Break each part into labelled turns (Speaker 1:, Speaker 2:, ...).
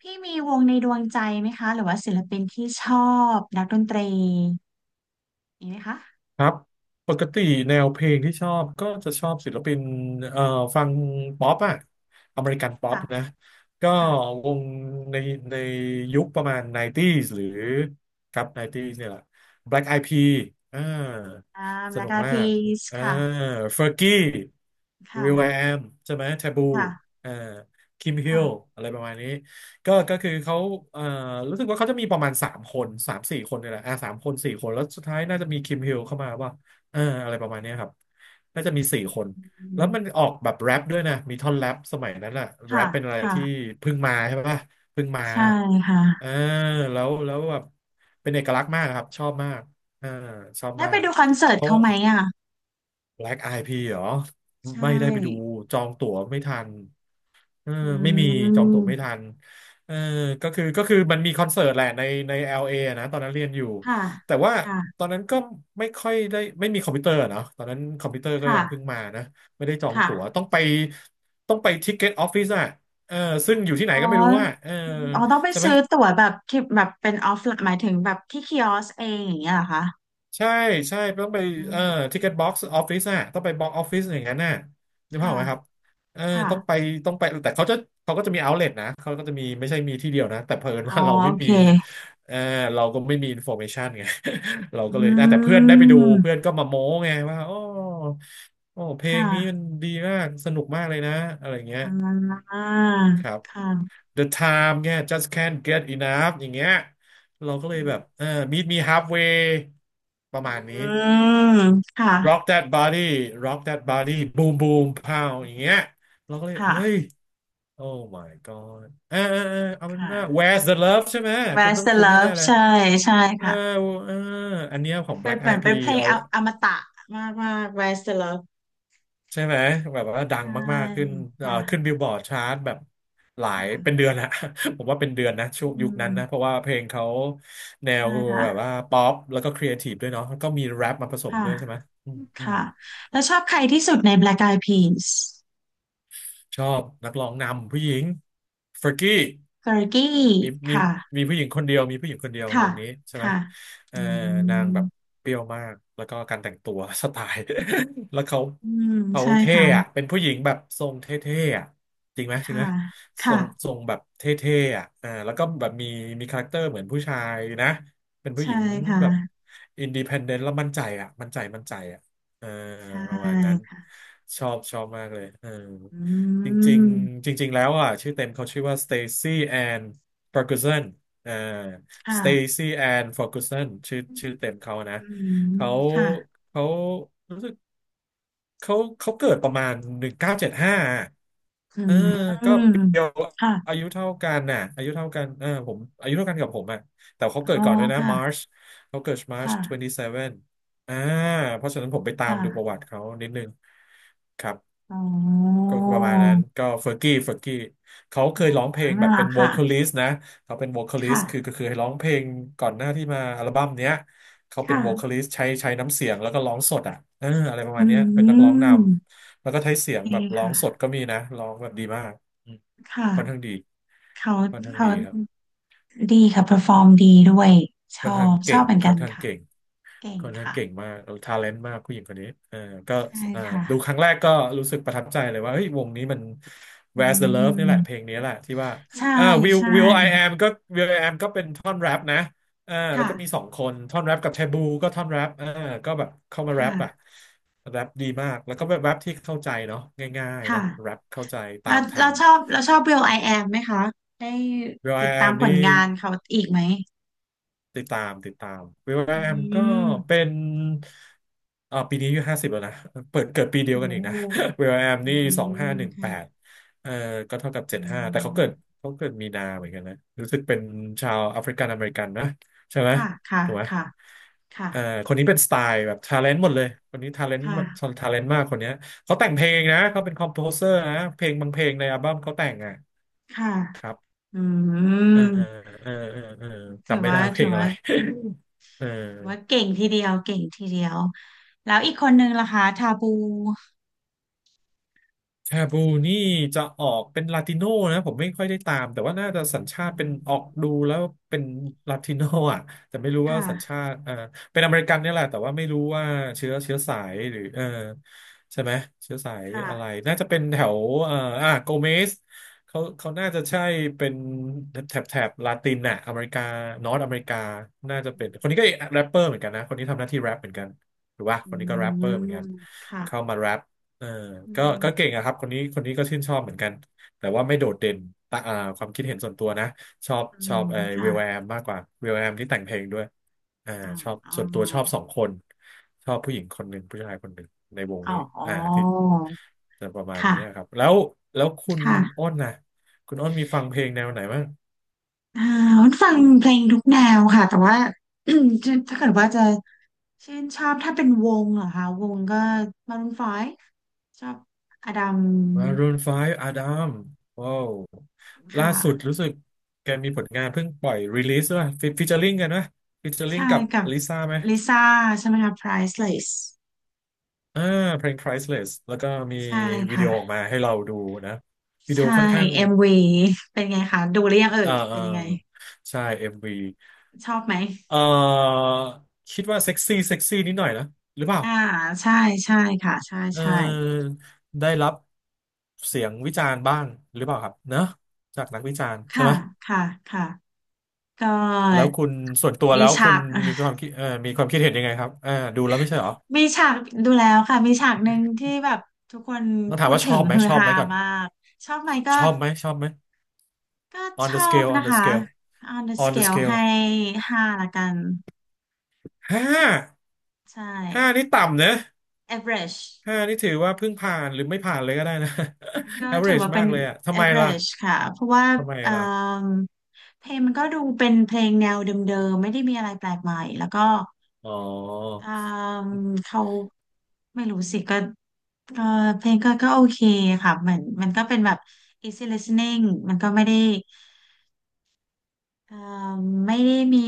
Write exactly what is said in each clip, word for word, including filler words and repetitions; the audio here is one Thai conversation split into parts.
Speaker 1: พี่มีวงในดวงใจไหมคะหรือว่าศิลปินที่ชอบนักดนตรีมีไหมคะ
Speaker 2: ครับปกติแนวเพลงที่ชอบก็จะชอบศิลปินเอ่อฟังป๊อปอะอเมริกันป๊อป
Speaker 1: ค่ะ
Speaker 2: นะก็
Speaker 1: ค่ะ
Speaker 2: วงในในยุคประมาณ ยุคเก้าสิบ หรือครับ ยุคเก้าสิบ เนี่ยแหละ Black Eyed Peas อ่า
Speaker 1: อ่าแบ
Speaker 2: ส
Speaker 1: ล็ก
Speaker 2: นุก
Speaker 1: ไอ
Speaker 2: มา
Speaker 1: พี
Speaker 2: ก
Speaker 1: ส
Speaker 2: อ่า
Speaker 1: ค่ะ
Speaker 2: Fergie
Speaker 1: ค่ะ
Speaker 2: Will.i.am ใช่ไหม Taboo
Speaker 1: ค่ะ
Speaker 2: อ่า Kim Hill
Speaker 1: ค่ะ
Speaker 2: อะไรประมาณนี้ ก็ก็คือเขาเอ่อรู้สึกว่าเขาจะมีประมาณสามคนสามสี่คนเนี่ยแหละอ่าสามคนสี่คน แล้วสุดท้ายน่าจะมีคิมฮิลเข้ามาว่าเอออะไรประมาณเนี้ยครับ น่าจะมีสี่คน
Speaker 1: อื
Speaker 2: แล้ว
Speaker 1: ม
Speaker 2: มันออกแบบแรปด้วยนะ มีท่อนแรปสมัยนั้นอะแร
Speaker 1: ค่ะ
Speaker 2: ปเป็นอะไรที่
Speaker 1: ค่ะ
Speaker 2: เพิ่งมาใช่ปะเพิ่งมา
Speaker 1: ใช่ค่ะ
Speaker 2: เออแล้วแล้วแบบเป็นเอกลักษณ์มากครับ ชอบมากเออชอบ
Speaker 1: ได้
Speaker 2: มา
Speaker 1: ไป
Speaker 2: ก
Speaker 1: ดูคอนเสิร์
Speaker 2: เพ
Speaker 1: ต
Speaker 2: ราะ
Speaker 1: เขาไหมอ่ะ
Speaker 2: Black ไอพี p เหรอ
Speaker 1: ใช
Speaker 2: ไม่ได้ไปดู
Speaker 1: ่
Speaker 2: จองตั๋วไม่ทันเออ
Speaker 1: อื
Speaker 2: ไม่มีจองตั๋วไม่
Speaker 1: ม
Speaker 2: ทันเออก็คือก็คือมันมีคอนเสิร์ตแหละในใน แอล เอ อลเออะนะตอนนั้นเรียนอยู่
Speaker 1: ค่ะ
Speaker 2: แต่ว่า
Speaker 1: ค่ะ
Speaker 2: ตอนนั้นก็ไม่ค่อยได้ไม่มีคอมพิวเตอร์อะเนาะตอนนั้นคอมพิวเตอร์ก็ยังเพิ่ง
Speaker 1: ค่ะ
Speaker 2: มานะไม่ได้จองตั๋ว
Speaker 1: ค่ะ
Speaker 2: ต้องไปต้องไปทิกเก็ตออฟฟิศอะเออซึ่งอยู่ที่ไหน
Speaker 1: อ๋อ
Speaker 2: ก็ไม่รู้อะเออ
Speaker 1: อ๋อต้องไป
Speaker 2: ใช่ไหม
Speaker 1: ซื้อตั๋วแบบที่แบบเป็นออฟล์หมายถึงแบบที่คิออสเองอย่างเงี้ยเหรอคะ
Speaker 2: ใช่ใช่ต้องไป
Speaker 1: อื
Speaker 2: เอ่อ
Speaker 1: ม
Speaker 2: ทิกเก็ตบ็อกซ์ออฟฟิศอะต้องไปบ็อกออฟฟิศอย่างนั้นน่ะนึกภาพอ
Speaker 1: ค่ะ
Speaker 2: อกไหมครับเออ
Speaker 1: ค่ะ
Speaker 2: ต้องไปต้องไปแต่เขาจะเขาก็จะมีเอาเล t นะเขาก็จะมีไม่ใช่มีที่เดียวนะแต่เผอิญ
Speaker 1: อ๋อ
Speaker 2: ว่าเราไม่
Speaker 1: โอเค
Speaker 2: มีเออเราก็ไม่มีอินโฟเมชันไง เราก็
Speaker 1: อื
Speaker 2: เลยอ่ะแต่เพื่อนได้ไปดูเพื่
Speaker 1: ม
Speaker 2: อนก็มาโม้ไงว่าโอ้โอ้เพ
Speaker 1: ค
Speaker 2: ลงนี้มัน
Speaker 1: ่ะ
Speaker 2: ดีมากสนุกมากเลยนะอะไรเงี้ย
Speaker 1: อ่า
Speaker 2: ครับ
Speaker 1: ค่ะ
Speaker 2: The Time เนี่ย just can't get enough อย่างเงี้ยเราก็เลย
Speaker 1: อื
Speaker 2: แบบ
Speaker 1: ม
Speaker 2: เออ meet me halfway ประมาณนี้
Speaker 1: ค่ะ
Speaker 2: rock that body rock that body boom boom pow อย่างเงี้ยเราก็เลย
Speaker 1: ค่ะ
Speaker 2: เฮ้ย oh my god เออเออเออเอาเป็น
Speaker 1: ค่ะ
Speaker 2: ว่า where's the love ใช่ไหมคุณต้
Speaker 1: Rise
Speaker 2: อง
Speaker 1: the
Speaker 2: คุ้นแน่
Speaker 1: Love
Speaker 2: ๆเลย
Speaker 1: ใช่ใช่
Speaker 2: เออ
Speaker 1: ค่ะ
Speaker 2: เอออันเนี้ยของ
Speaker 1: เป็น
Speaker 2: Black
Speaker 1: เหมือ
Speaker 2: Eyed
Speaker 1: นเป็นเพ
Speaker 2: Peas
Speaker 1: ลง
Speaker 2: เอา
Speaker 1: ออมตะมากมาก Rise the Love
Speaker 2: ใช่ไหมแบบว่าดัง
Speaker 1: ใช่
Speaker 2: มากๆขึ้นเอ่อ
Speaker 1: ค่ะ
Speaker 2: ขึ้นบิลบอร์ดชาร์ตแบบหลายเป็น
Speaker 1: ค่ะ
Speaker 2: เดือนอะ ผมว่าเป็นเดือนนะช่ว
Speaker 1: อื
Speaker 2: งยุคนั้นนะเพ
Speaker 1: ม
Speaker 2: ราะว่าเพลงเขาแน
Speaker 1: ใช่
Speaker 2: วแบบ
Speaker 1: ค่ะ
Speaker 2: ว่าป๊อปแล้วก็ครีเอทีฟด้วยเนาะแล้วก็มีแรปมาผสม
Speaker 1: ค่ะ
Speaker 2: ด้วยใช่ไหมอืมอืม
Speaker 1: ค่ะแล้วชอบใครที่สุดใน Black Eyed Peas
Speaker 2: ชอบนักร้องนำผู้หญิงเฟรกกี้
Speaker 1: เ e อร์กี้
Speaker 2: มีมี
Speaker 1: ค่ะ
Speaker 2: มีผู้หญิงคนเดียวมีผู้หญิงคนเดียว
Speaker 1: ค่ะ
Speaker 2: วงนี้ใช่ไหม
Speaker 1: ค่ะ
Speaker 2: เอ
Speaker 1: อื
Speaker 2: อนางแบบ
Speaker 1: ม
Speaker 2: เปรี้ยวมากแล้วก็การแต่งตัว สไตล์ แล้วเขา
Speaker 1: อืม
Speaker 2: เขา
Speaker 1: ใช่
Speaker 2: เท่
Speaker 1: ค่ะ
Speaker 2: อะเป็นผู้หญิงแบบทรงเท่ๆอะจริงไหมจริง
Speaker 1: ค่ะ
Speaker 2: ไหมทร
Speaker 1: ค่ะ
Speaker 2: งทรงแบบเท่ๆอ่ะอ่าแล้วก็แบบมีมีคาแรคเตอร์เหมือนผู้ชายนะเป็นผู้ห
Speaker 1: ใช่
Speaker 2: ญิงแบบ
Speaker 1: ค่ะ
Speaker 2: อินดี e พ d เดนต์แล้วมั่นใจอ่ะมั่นใจมั่นใจอ่ะเออ
Speaker 1: ใช
Speaker 2: ประมาณนั้น
Speaker 1: ่
Speaker 2: ชอบชอบมากเลยเออ
Speaker 1: อื
Speaker 2: จริง
Speaker 1: ม
Speaker 2: ๆจริงๆแล้วอ่ะชื่อเต็มเขาชื่อว่า Stacy Ann ฟอร์กูสันอ่าสเต
Speaker 1: ค่ะ
Speaker 2: ซี่แอนฟอร์กูสันชื่อชื่อเต็มเขานะ
Speaker 1: อืม
Speaker 2: เขา
Speaker 1: ค่ะ
Speaker 2: เขา เขาเขาเกิดประมาณหนึ่งเก้าเจ็ดห้า
Speaker 1: อื
Speaker 2: เออก็
Speaker 1: ม
Speaker 2: เปียว
Speaker 1: ค่ะ
Speaker 2: อายุเท่ากันน่ะอายุเท่ากันเออผมอายุเท่ากันกับผมอ่ะแต่เขาเกิ
Speaker 1: อ๋
Speaker 2: ด
Speaker 1: อ
Speaker 2: ก่อนด้วยนะมาร์
Speaker 1: ค่ะ
Speaker 2: ชเขาเกิดมาร์ช
Speaker 1: ค่ะ
Speaker 2: ยี่สิบเจ็ดอ่าเพราะฉะนั้นผมไปตามดูประ
Speaker 1: ค่ะ
Speaker 2: วัติเขานิดนึงครับ
Speaker 1: อ๋อ
Speaker 2: ก็ประมาณนั้นก็เฟอร์กี้เฟอร์กี้เขาเค
Speaker 1: อ๋
Speaker 2: ยร้อง
Speaker 1: อ
Speaker 2: เพลงแบ
Speaker 1: นั่น
Speaker 2: บ
Speaker 1: แห
Speaker 2: เป็
Speaker 1: ละ
Speaker 2: น v o
Speaker 1: ค่ะ
Speaker 2: c a l i ิส t นะเขาเป็น v o c a l i ิส t คือ
Speaker 1: ค่ะ
Speaker 2: ก็คือให้ร้องเพลงก่อนหน้าที่มาอัลบั้มเนี้ย เขาเป็นโวคา
Speaker 1: ค่ะ
Speaker 2: ลิสใช้ใช้น้ำเสียงแล้วก็ร้องสดอ่ะเอออะไรประ
Speaker 1: อื
Speaker 2: มาณเนี้ยเป็นนักร้องน
Speaker 1: ม
Speaker 2: ำแล้วก็ใช้เสียง
Speaker 1: ดี
Speaker 2: แบบร้อ
Speaker 1: ค่ะ
Speaker 2: งสดก็มีนะร้องแบบดีมากอืม
Speaker 1: ค
Speaker 2: ค่อนข้าง
Speaker 1: ่ะ
Speaker 2: ดี
Speaker 1: เขา
Speaker 2: ค่อนข้าง
Speaker 1: เขา
Speaker 2: ดีครับ
Speaker 1: ดีค่ะ p e r f o ฟอร์มดีด้วยช
Speaker 2: ค่อน
Speaker 1: อ
Speaker 2: ข้าง
Speaker 1: บช
Speaker 2: เก่
Speaker 1: อบ
Speaker 2: ง
Speaker 1: เหมือน
Speaker 2: ค่
Speaker 1: กั
Speaker 2: อ
Speaker 1: น
Speaker 2: นข้าง
Speaker 1: ค่ะ
Speaker 2: เก่ง
Speaker 1: เก่ง
Speaker 2: ค่อนข้าง
Speaker 1: ค่ะ
Speaker 2: เก่งมากทาเลนต์มากผู้หญิงคนนี้เออก็
Speaker 1: ใช่
Speaker 2: เออ
Speaker 1: ค่ะ
Speaker 2: ดูครั้งแรกก็รู้สึกประทับใจเลยว่าเฮ้ยวงนี้มัน
Speaker 1: อื
Speaker 2: Where's the Love นี่แห
Speaker 1: ม
Speaker 2: ละเพลงนี้แหละที่ว่า
Speaker 1: ใช่
Speaker 2: อ่า Will
Speaker 1: ใช่
Speaker 2: Will I Am ก็ Will I Am ก็เป็นท่อนแรปนะอ่าแล้วก็มี
Speaker 1: ค่ะ
Speaker 2: สองคนท่อนแรปกับแทบูก็ท่อนแรปอ่าก็แบบเข้ามาแรปอะ
Speaker 1: ค่ะ
Speaker 2: แรปดีมาก แล้วก็แบบแรปที่เข้าใจเนาะง่ายๆ
Speaker 1: ค่ะ
Speaker 2: เนาะแรปเข้าใจตา
Speaker 1: เรา
Speaker 2: มทั
Speaker 1: เรา
Speaker 2: น
Speaker 1: ชอบเราชอบ Will I Am ไหมคะได้
Speaker 2: Will
Speaker 1: ติ
Speaker 2: I
Speaker 1: ดตาม
Speaker 2: Am
Speaker 1: ผล
Speaker 2: นี่
Speaker 1: งานเขาอีกไหม
Speaker 2: ติดตามติดตามวิลแว
Speaker 1: อื
Speaker 2: มก็
Speaker 1: ม
Speaker 2: เป็นอ่าปีนี้อายุห้าสิบแล้วนะเปิดเกิดปีเดีย
Speaker 1: โอ
Speaker 2: วกันอีกนะ
Speaker 1: ้
Speaker 2: วิลแวม
Speaker 1: อื
Speaker 2: นี่สองห้า
Speaker 1: ม
Speaker 2: หนึ่งแปด
Speaker 1: ค่ะ
Speaker 2: เอ่อก็เท่ากับ
Speaker 1: อื
Speaker 2: เจ็ดห้าแต่เขา
Speaker 1: ม
Speaker 2: เกิดเขาเกิดมีนาเหมือนกันนะรู้สึกเป็นชาวแอฟริกันอเมริกันนะใช่ไหม
Speaker 1: ค่ะค่ะ
Speaker 2: ถูกไหม
Speaker 1: ค่ะ
Speaker 2: เอ่อ
Speaker 1: ค่ะ
Speaker 2: คนนี้เป็นสไตล์แบบทาเลนต์หมดเลยคนนี้ทาเลนต์
Speaker 1: ค่ะ
Speaker 2: ทาเลนต์มากคนเนี้ยเขาแต่งเพลงนะเขาเป็นคอมโพเซอร์นะเพลงบางเพลงในอัลบั้มเขาแต่งอ่ะ
Speaker 1: ค่ะ
Speaker 2: ครับ
Speaker 1: อืม
Speaker 2: เออเออเออเออ
Speaker 1: ถื
Speaker 2: จำ
Speaker 1: อ
Speaker 2: ไม่ได้
Speaker 1: ว่า
Speaker 2: ว่าเพ
Speaker 1: ถื
Speaker 2: ล
Speaker 1: อ
Speaker 2: งอะ
Speaker 1: ว่า
Speaker 2: ไร เออ
Speaker 1: ถือว่าเก่งทีเดียวเก่งทีเดียวแล้วอีกคนนึงล่ะคะทาบู
Speaker 2: แคบูนี่จะออกเป็นลาติโนนะผมไม่ค่อยได้ตามแต่ว่าน่าจะสัญชา
Speaker 1: อื
Speaker 2: ติเป็น
Speaker 1: ม
Speaker 2: ออกดูแล้วเป็นลาติโนอ่ะแต่ไม่รู้ว่าสัญ
Speaker 1: ค่ะ
Speaker 2: ชาติเอ่อเป็นอเมริกันเนี่ยแหละแต่ว่าไม่รู้ว่าเชื้อเชื้อสายหรือเออใช่ไหมเชื้อสายอะไร
Speaker 1: ค่ะ
Speaker 2: น่าจะเป็นแถวเอ่ออ่ะโกเมสเขาเขาน่าจะใช่เป็นแถบแถบลาตินน่ะอเมริกานอร์อเมริกาน่าจะเป็นคนนี้ก็แรปเปอร์เหมือนกันนะคนนี้ทำหน้าที่แรปเหมือนกันหรือว่า
Speaker 1: อื
Speaker 2: คนนี้ก็แรปเปอร์เหมือน
Speaker 1: ม
Speaker 2: กันเข้า
Speaker 1: ค่ะ
Speaker 2: มาแรป เออ
Speaker 1: อื
Speaker 2: ก็ก็เก่ง
Speaker 1: ม
Speaker 2: อะครับคนนี้คนนี้ก็ชื่นชอบเหมือนกัน แต่ว่าไม่โดดเด่นตะอ่าความคิดเห็นส่วนตัวนะ ชอบ
Speaker 1: อื
Speaker 2: ชอบ
Speaker 1: ม
Speaker 2: เออ
Speaker 1: ค่ะ
Speaker 2: วิลแอมมากกว่าวิลแอมที่แต่งเพลงด้วยอ่า
Speaker 1: อ๋อ
Speaker 2: ชอบ
Speaker 1: อ๋
Speaker 2: ส่วนตัวชอบ
Speaker 1: อ
Speaker 2: สองคน ชอบผู้หญิงคนหนึ่ง ผู้ชายคนหนึ่ง ในวงนี้
Speaker 1: อ๋อ
Speaker 2: อ่าที่จะประมาณ
Speaker 1: ค่ะ
Speaker 2: นี้ครับ แล้ว แล้วคุณ
Speaker 1: ค่ะ
Speaker 2: อ้นนะคุณอ้นมีฟังเพลงแนวไหนบ้าง
Speaker 1: อ่าวุ้นฟังเพลงทุกแนวค่ะแต่ว่า จะถ้าเกิดว่าจะชื่นชอบถ้าเป็นวงเหรอคะวงก็มารูนไฟว์ชอบอดัม
Speaker 2: Maroon ไฟว์ Adam ว้าวล่าสุด
Speaker 1: ค่ะ
Speaker 2: รู้สึกแกมีผลงานเพิ่งปล่อยรีลิสด้วยฟิเจอริงกันนะฟิเจอริ
Speaker 1: ใช่
Speaker 2: งกับ
Speaker 1: กับ
Speaker 2: ลิซ่าไหม
Speaker 1: ลิซ่าใช่ไหมคะ Priceless
Speaker 2: อ่าเพลง Priceless แล้วก็มี
Speaker 1: ใช่
Speaker 2: วิดีโอออก
Speaker 1: ค่ะ
Speaker 2: มาให้เราดูนะวิดีโอ
Speaker 1: ใช่
Speaker 2: ค่อนข้าง
Speaker 1: เอ็มวีเป็นไงคะดูหรือยังเอ่
Speaker 2: เอ่อ
Speaker 1: ย
Speaker 2: เอ่
Speaker 1: เป็
Speaker 2: อ
Speaker 1: นยังไง
Speaker 2: ใช่ เอ็ม วี
Speaker 1: ชอบไหม
Speaker 2: เอ่อคิดว่าเซ็กซี่เซ็กซี่นิดหน่อยนะหรือเปล่า
Speaker 1: อ่าใช่ใช่ค่ะใช่
Speaker 2: เ
Speaker 1: ใช่
Speaker 2: ออได้รับเสียงวิจารณ์บ้างหรือเปล่าครับเนอะจากนักวิจารณ์ใช่
Speaker 1: ค่ะ
Speaker 2: ไหม
Speaker 1: ค่ะค่ะก็
Speaker 2: แล้วคุณส่วนตัว
Speaker 1: มี
Speaker 2: แล้วคุ
Speaker 1: ฉา
Speaker 2: ณ
Speaker 1: ก
Speaker 2: มีค วามคิดเอ่อมีความคิดเห็นยังไงครับอ่าดูแล้วไม่ใช่เหรอ
Speaker 1: มีฉากดูแล้วค่ะมีฉากหนึ่งที่แบบทุกคน
Speaker 2: ต้องถา
Speaker 1: พู
Speaker 2: ม
Speaker 1: ด
Speaker 2: ว่าช
Speaker 1: ถึ
Speaker 2: อ
Speaker 1: ง
Speaker 2: บไหม
Speaker 1: ฮือ
Speaker 2: ชอบ
Speaker 1: ฮา
Speaker 2: ไหมก่อน
Speaker 1: มากชอบไหมก็
Speaker 2: ชอบไหมชอบไหม
Speaker 1: ก็ช
Speaker 2: on
Speaker 1: อ
Speaker 2: the
Speaker 1: บ
Speaker 2: scale
Speaker 1: นะ
Speaker 2: on the
Speaker 1: คะ
Speaker 2: scale
Speaker 1: on the
Speaker 2: on the
Speaker 1: scale ให้
Speaker 2: scale
Speaker 1: ห้าละกัน
Speaker 2: ห้า
Speaker 1: ใช่
Speaker 2: ห้านี่ต่ำนะ
Speaker 1: average
Speaker 2: ห้านี่ถือว่าเพิ่งผ่านหรือไม่ผ่านเลยก็ได้นะ
Speaker 1: ก็ ถือ
Speaker 2: average
Speaker 1: ว่าเป็
Speaker 2: มา
Speaker 1: น
Speaker 2: กเลยอะ ทำไมล่ะ
Speaker 1: average ค่ะเพราะว่า
Speaker 2: ทำไม
Speaker 1: เอ่
Speaker 2: ล่ะ
Speaker 1: มเพลงมันก็ดูเป็นเพลงแนวเดิมๆไม่ได้มีอะไรแปลกใหม่แล้วก็
Speaker 2: อ๋อ
Speaker 1: เอ่มเขาไม่รู้สิก็ เออเพลงก็ก็โอเคค่ะเหมือนมันก็เป็นแบบ easy listening มันก็ไม่ได้เออไม่ได้มี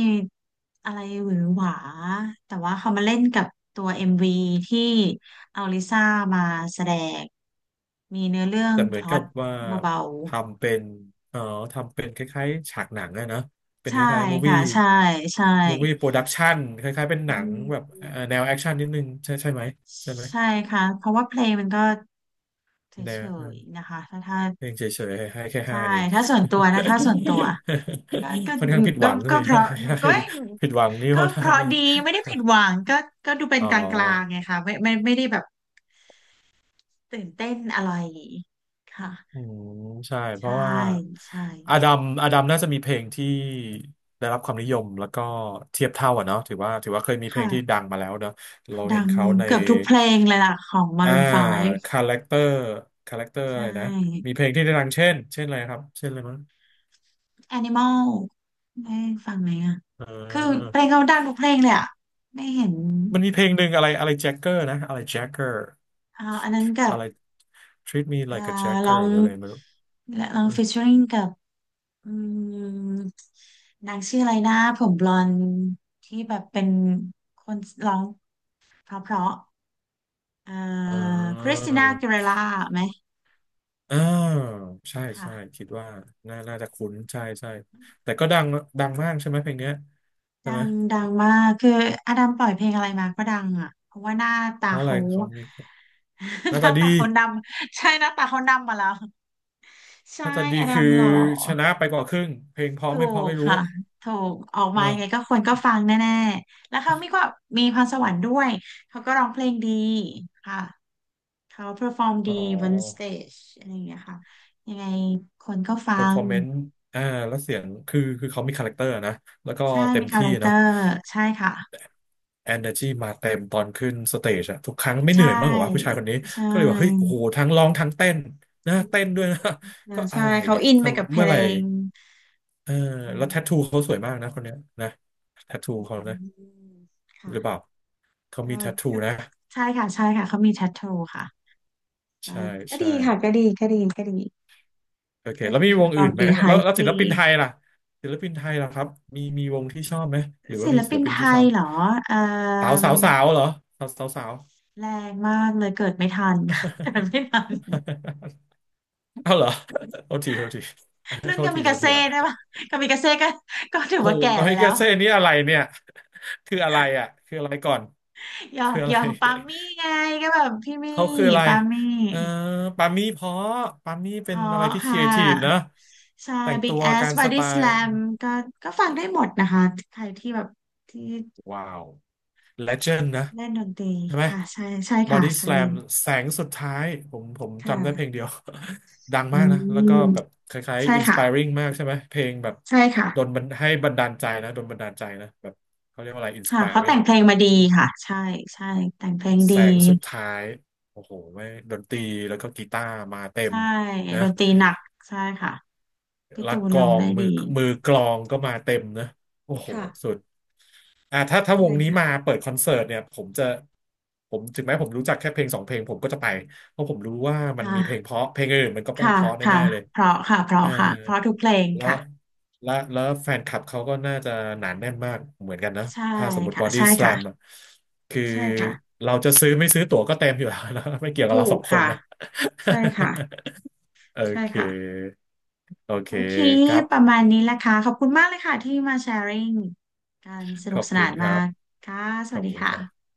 Speaker 1: อะไรหวือหวาแต่ว่าเขามาเล่นกับตัว เอ็ม วี ที่เอาลิซ่ามาแสดงมีเนื้อเรื่อง
Speaker 2: แต่เห
Speaker 1: พ
Speaker 2: มือน
Speaker 1: ล็อ
Speaker 2: กั
Speaker 1: ต
Speaker 2: บว่า
Speaker 1: เบา
Speaker 2: ทำเป็นเอ่อทำเป็นคล้ายๆฉากหนังอะนะ
Speaker 1: ๆ
Speaker 2: เป็น
Speaker 1: ใช่
Speaker 2: คล้ายๆ
Speaker 1: ค่ะ
Speaker 2: movie
Speaker 1: ใช่ใช่
Speaker 2: movie production คล้ายๆเป็นห
Speaker 1: อื
Speaker 2: นังแบบเอ่อ
Speaker 1: ม
Speaker 2: แนวแอคชั่นนิดนึงใช่ใช่ไหมใช่ไหม
Speaker 1: ใช่ค่ะเพราะว่าเพลงมันก็เ
Speaker 2: แนว
Speaker 1: ฉย
Speaker 2: นั้น
Speaker 1: ๆนะคะถ้าถ้า
Speaker 2: เองเฉยๆให้แค่
Speaker 1: ใช่
Speaker 2: ห้าเอง
Speaker 1: ถ้าส่วนตัวนะถ้าส่วนตัว ก็
Speaker 2: ค่อนข้างผิด
Speaker 1: ก็
Speaker 2: ห
Speaker 1: ก็
Speaker 2: วัง
Speaker 1: ก็
Speaker 2: สิ
Speaker 1: เพ
Speaker 2: ให้
Speaker 1: ราะ
Speaker 2: ให้
Speaker 1: ก็
Speaker 2: ผิดหวังนี่เพ
Speaker 1: ก็
Speaker 2: ราะ
Speaker 1: เพ
Speaker 2: ว่า
Speaker 1: ราะ
Speaker 2: ไม่
Speaker 1: ดีไม่ได้ผิดหวังก็ก็ดูเป็น
Speaker 2: อ๋อ
Speaker 1: กลางๆไงค่ะไม่ไม่ไม่ได้แบบตื่นเต้นอะไรค่ะ
Speaker 2: อืมใช่เพ
Speaker 1: ใช่
Speaker 2: ราะว่า
Speaker 1: ใช่
Speaker 2: อาดัมอาดัมน่าจะมีเพลงที่ได้รับความนิยมแล้วก็เทียบเท่าอ่ะเนาะถือว่าถือว่าเคยมีเพลงที่ดั
Speaker 1: ค่ะ
Speaker 2: งมาแล้วเนาะเรา
Speaker 1: ดั
Speaker 2: เห็น
Speaker 1: ง
Speaker 2: เขาใน
Speaker 1: เกือบทุกเพลงเลยล่ะของ
Speaker 2: อ่า
Speaker 1: Maroon ไฟว์
Speaker 2: คาแรคเตอร์คาแรคเตอร์
Speaker 1: ใช
Speaker 2: อะไรนะ
Speaker 1: ่
Speaker 2: มีเพลงที่ได้ดังเช่นเช่นอะไรครับเช่นอะไรมั้ง
Speaker 1: Animal ได้ฟังไหมอ่ะ
Speaker 2: เ
Speaker 1: คือ
Speaker 2: อ
Speaker 1: เพ
Speaker 2: อ
Speaker 1: ลงเขาดังทุกเพลงเลยอ่ะไม่เห็น
Speaker 2: มันมีเพลงหนึ่งอะไรอะไรแจ็คเกอร์นะอะไรแจ็คเกอร์
Speaker 1: อ่าอันนั้นกับ
Speaker 2: อะไร treat me
Speaker 1: อ่า
Speaker 2: like a
Speaker 1: ลอ
Speaker 2: jacker
Speaker 1: ง
Speaker 2: หรืออะไรไม่รู้
Speaker 1: ลอง featuring กับ อืมนางชื่ออะไรนะผมบลอนด์ที่แบบเป็นคนร้องเพราะเพราะเอ่อ
Speaker 2: เออ
Speaker 1: คริสติน่าอากิเลร่าไหม
Speaker 2: อ่าใช่
Speaker 1: ค่ะ
Speaker 2: ใช่คิดว่าน่าน่าจะคุ้นใช่ใช่แต่ก็ดังดังมากใช่ไหมเพลงเนี้ยใช่
Speaker 1: ดั
Speaker 2: ไหม
Speaker 1: งดังมากคืออดัมปล่อยเพลงอะไรมาก็ดังอ่ะเพราะว่าหน้าตา
Speaker 2: เพราะอะไร
Speaker 1: เขา
Speaker 2: เขามีห
Speaker 1: ห
Speaker 2: น้า
Speaker 1: น้า
Speaker 2: ตาดี
Speaker 1: ตาเขาดำใช่หน้าตาเขาดำมาแล้ว
Speaker 2: ห
Speaker 1: ใช่
Speaker 2: น้าตาดี
Speaker 1: อดั
Speaker 2: คื
Speaker 1: ม
Speaker 2: อ
Speaker 1: หล่อ
Speaker 2: ชนะไปกว่าครึ่งเพลงเพราะ
Speaker 1: ถู
Speaker 2: ไม่เพราะ
Speaker 1: ก
Speaker 2: ไม่รู้
Speaker 1: ค่ะถูกออก
Speaker 2: เห
Speaker 1: มา
Speaker 2: รอ
Speaker 1: ยังไงก็คนก็ฟังแน่ๆแล้วเขามีก็มีพรสวรรค์ด้วยเขาก็ร้องเพลงดีค่ะ เขาเ e อร์ฟอร์ม
Speaker 2: อ๋
Speaker 1: ดีบนสเต
Speaker 2: อ
Speaker 1: จอะไรอย่างเงี้ยค่ะยังไงคนก็ฟั
Speaker 2: เปอร์ฟอ
Speaker 1: ง
Speaker 2: ร์แมนซ์อ่าแล้วเสียงคือคือเขามีคาแรคเตอร์นะแล้วก็
Speaker 1: ใช่
Speaker 2: เต็
Speaker 1: มี
Speaker 2: ม
Speaker 1: คา
Speaker 2: ที่
Speaker 1: แรคเตอ
Speaker 2: เนาะ
Speaker 1: ร์ใช่ค่ะ
Speaker 2: เอนเนอร์จีมาเต็มตอนขึ้นสเตจอะทุกครั้งไม่
Speaker 1: ใช
Speaker 2: เหนื่อยมากกว่าผู้
Speaker 1: ่
Speaker 2: ชายคนนี้
Speaker 1: ใช
Speaker 2: ก็เลยว่าเฮ้ยโอ้
Speaker 1: ่
Speaker 2: โหทั้งร้องทั้งเต้นนะ
Speaker 1: อื
Speaker 2: เต้นด้ว
Speaker 1: ม
Speaker 2: ยนะ
Speaker 1: อ่า
Speaker 2: ก็อะ
Speaker 1: ใช่
Speaker 2: ไร
Speaker 1: เขา
Speaker 2: เนี่ย
Speaker 1: อินไปกับ
Speaker 2: ทำ
Speaker 1: เพ
Speaker 2: เมื่อ
Speaker 1: ล
Speaker 2: ไหร่
Speaker 1: ง
Speaker 2: เออ
Speaker 1: อ่
Speaker 2: แล้วแทททู
Speaker 1: า
Speaker 2: เขาสวยมากนะคนเนี้ยนะแทท
Speaker 1: อื
Speaker 2: ทูเขานะ
Speaker 1: มค่ะ
Speaker 2: หรือเปล่าเขา
Speaker 1: ก็
Speaker 2: มีแทททู
Speaker 1: ก็
Speaker 2: นะ
Speaker 1: ใช่ค่ะใช่ค่ะเขามีแทททูค่ะก็
Speaker 2: ใช่
Speaker 1: ก็
Speaker 2: ใช่
Speaker 1: ดีค่ะก็ดีก็ดีก็ดี
Speaker 2: โอเค
Speaker 1: ก็
Speaker 2: แล้ว
Speaker 1: ดี
Speaker 2: มี
Speaker 1: เพ
Speaker 2: ว
Speaker 1: อ
Speaker 2: ง
Speaker 1: ร์ฟอ
Speaker 2: อื่
Speaker 1: ร์ม
Speaker 2: นไหม
Speaker 1: ดีไฮ
Speaker 2: แล้วแล้วศิล
Speaker 1: ดี
Speaker 2: ปินไทยล่ะศิลปินไทยล่ะครับมีมีวงที่ชอบไหมหรือว่า
Speaker 1: ศิ
Speaker 2: มี
Speaker 1: ล
Speaker 2: ศิ
Speaker 1: ปิ
Speaker 2: ล
Speaker 1: น
Speaker 2: ปิน
Speaker 1: ไท
Speaker 2: ที่ช
Speaker 1: ย
Speaker 2: อบ
Speaker 1: เหรอเอ่
Speaker 2: สาว
Speaker 1: อ
Speaker 2: สาวสาวเหรอสาวสาวสาว
Speaker 1: แรงมากเลยเกิดไม่ทัน เกิดไม่ทัน
Speaker 2: เอาเหรอโทษทีโทษที
Speaker 1: รุ่น
Speaker 2: โทษ
Speaker 1: กา
Speaker 2: ที
Speaker 1: มิ
Speaker 2: โท
Speaker 1: กา
Speaker 2: ษที
Speaker 1: เซ่
Speaker 2: ค
Speaker 1: ด้วย
Speaker 2: รั
Speaker 1: ป่ะ
Speaker 2: บ
Speaker 1: กามิกาเซ่ก็ก็ถือ
Speaker 2: โห
Speaker 1: ว่าแก่
Speaker 2: กา
Speaker 1: ไป
Speaker 2: มิ
Speaker 1: แล้
Speaker 2: กา
Speaker 1: ว
Speaker 2: เซ่นี่อะไรเนี่ยคืออะไรอ่ะคืออะไรก่อน
Speaker 1: หยอ
Speaker 2: คื
Speaker 1: ก
Speaker 2: ออะ
Speaker 1: หย
Speaker 2: ไร
Speaker 1: อกปามี่ไงก็แบบพี่มี่
Speaker 2: เขาคืออะไร
Speaker 1: ปามี่
Speaker 2: เออปามี่เพราะปามี่เป็น
Speaker 1: ท้อ
Speaker 2: อะไรที่ค
Speaker 1: ค่
Speaker 2: รีเอทีฟนะ
Speaker 1: ะใช่
Speaker 2: แต่ง
Speaker 1: Big
Speaker 2: ตัว
Speaker 1: Ass
Speaker 2: การส
Speaker 1: Body
Speaker 2: ไตล์
Speaker 1: Slam ก็ก็ฟังได้หมดนะคะใครที่แบบที่
Speaker 2: ว้าวเลเจนด์นะ
Speaker 1: เล่นดนตรี
Speaker 2: ใช่ไหม
Speaker 1: ค่ะใช่ใช่
Speaker 2: บอ
Speaker 1: ค่ะ
Speaker 2: ดี้ส
Speaker 1: ใช่
Speaker 2: a ลมแสงสุดท้ายผมผม
Speaker 1: ค่ะ
Speaker 2: จำได้เพลงเดียว ดัง
Speaker 1: อื
Speaker 2: มากนะ แล้วก็แบบ
Speaker 1: ม
Speaker 2: คล้าย
Speaker 1: ใช่
Speaker 2: ๆอินส
Speaker 1: ค่ะ
Speaker 2: ป r ร n g มากใช่ไหมเพลงแบบ
Speaker 1: ใช่ค่ะ
Speaker 2: โดนบันให้บันดาลใจนะโดนบันดาลใจนะแบบเขาเรียกว่าอะไรอินส
Speaker 1: ค่ะ
Speaker 2: ป r
Speaker 1: เขา
Speaker 2: ร
Speaker 1: แต่
Speaker 2: n g
Speaker 1: งเพลง
Speaker 2: แบบ
Speaker 1: มาดีค่ะใช่ใช่แต่งเพลง
Speaker 2: แส
Speaker 1: ดี
Speaker 2: งสุดท้าย โอ้โหไม่ดนตรีแล้วก็กีตาร์มาเต็ม
Speaker 1: ใช่
Speaker 2: นะ
Speaker 1: ดนตรีหนักใช่ค่ะพี่
Speaker 2: แล้ว
Speaker 1: ตูน
Speaker 2: กล
Speaker 1: ร้
Speaker 2: อ
Speaker 1: อง
Speaker 2: ง
Speaker 1: ได้
Speaker 2: มื
Speaker 1: ดี
Speaker 2: อมือกลองก็มาเต็มนะโอ้โห
Speaker 1: ค่ะ
Speaker 2: สุดอ่าถ้าถ้า
Speaker 1: ใช่
Speaker 2: วงนี้มา
Speaker 1: ค่ะ
Speaker 2: เปิดคอนเสิร์ตเนี่ยผมจะผมถึงแม้ผมรู้จักแค่เพลงสองเพลงผมก็จะไปเพราะผมรู้ว่ามันมีเพลง
Speaker 1: ค่ะ
Speaker 2: เพราะเพลงอื่นมันก็ป้อง
Speaker 1: ค่ะ
Speaker 2: เพราะ
Speaker 1: ค่ะ
Speaker 2: แน่ๆเลย
Speaker 1: เพราะค่ะ เพ
Speaker 2: เอ
Speaker 1: ราะ
Speaker 2: อ
Speaker 1: ค่ะ เพราะทุกเพลง
Speaker 2: และ
Speaker 1: ค่ะ
Speaker 2: และแล้วแฟนคลับเขาก็น่าจะหนาแน่นมากเหมือนกันนะ
Speaker 1: ใช่
Speaker 2: ถ้าสมมติบ
Speaker 1: ค่ะ
Speaker 2: อดี้
Speaker 1: ใช่
Speaker 2: ส a ลม
Speaker 1: ค่ะ
Speaker 2: คือ
Speaker 1: ใช่ค่ะ
Speaker 2: เราจะซื้อไม่ซื้อตั๋วก็เต็มอยู่แล้วนะ ไม่เกี่ยวกับ
Speaker 1: ถู
Speaker 2: เราส
Speaker 1: ก
Speaker 2: องคน
Speaker 1: ค่ะ
Speaker 2: นะ
Speaker 1: ใช่ค่ะ
Speaker 2: โอ
Speaker 1: ใช่
Speaker 2: เค
Speaker 1: ค่ะ
Speaker 2: โอเค
Speaker 1: โอเค
Speaker 2: ครั
Speaker 1: ประ
Speaker 2: บ
Speaker 1: มาณนี้แหละค่ะ ขอบคุณมากเลยค่ะที่มาแชร์ริ่งการส
Speaker 2: ข
Speaker 1: นุ
Speaker 2: อ
Speaker 1: ก
Speaker 2: บ
Speaker 1: ส
Speaker 2: คุ
Speaker 1: นา
Speaker 2: ณ
Speaker 1: น
Speaker 2: ค
Speaker 1: มา
Speaker 2: รับ
Speaker 1: กค่ะ ส
Speaker 2: ข
Speaker 1: วั
Speaker 2: อ
Speaker 1: ส
Speaker 2: บ
Speaker 1: ดี
Speaker 2: คุณครั
Speaker 1: ค่ะ
Speaker 2: บ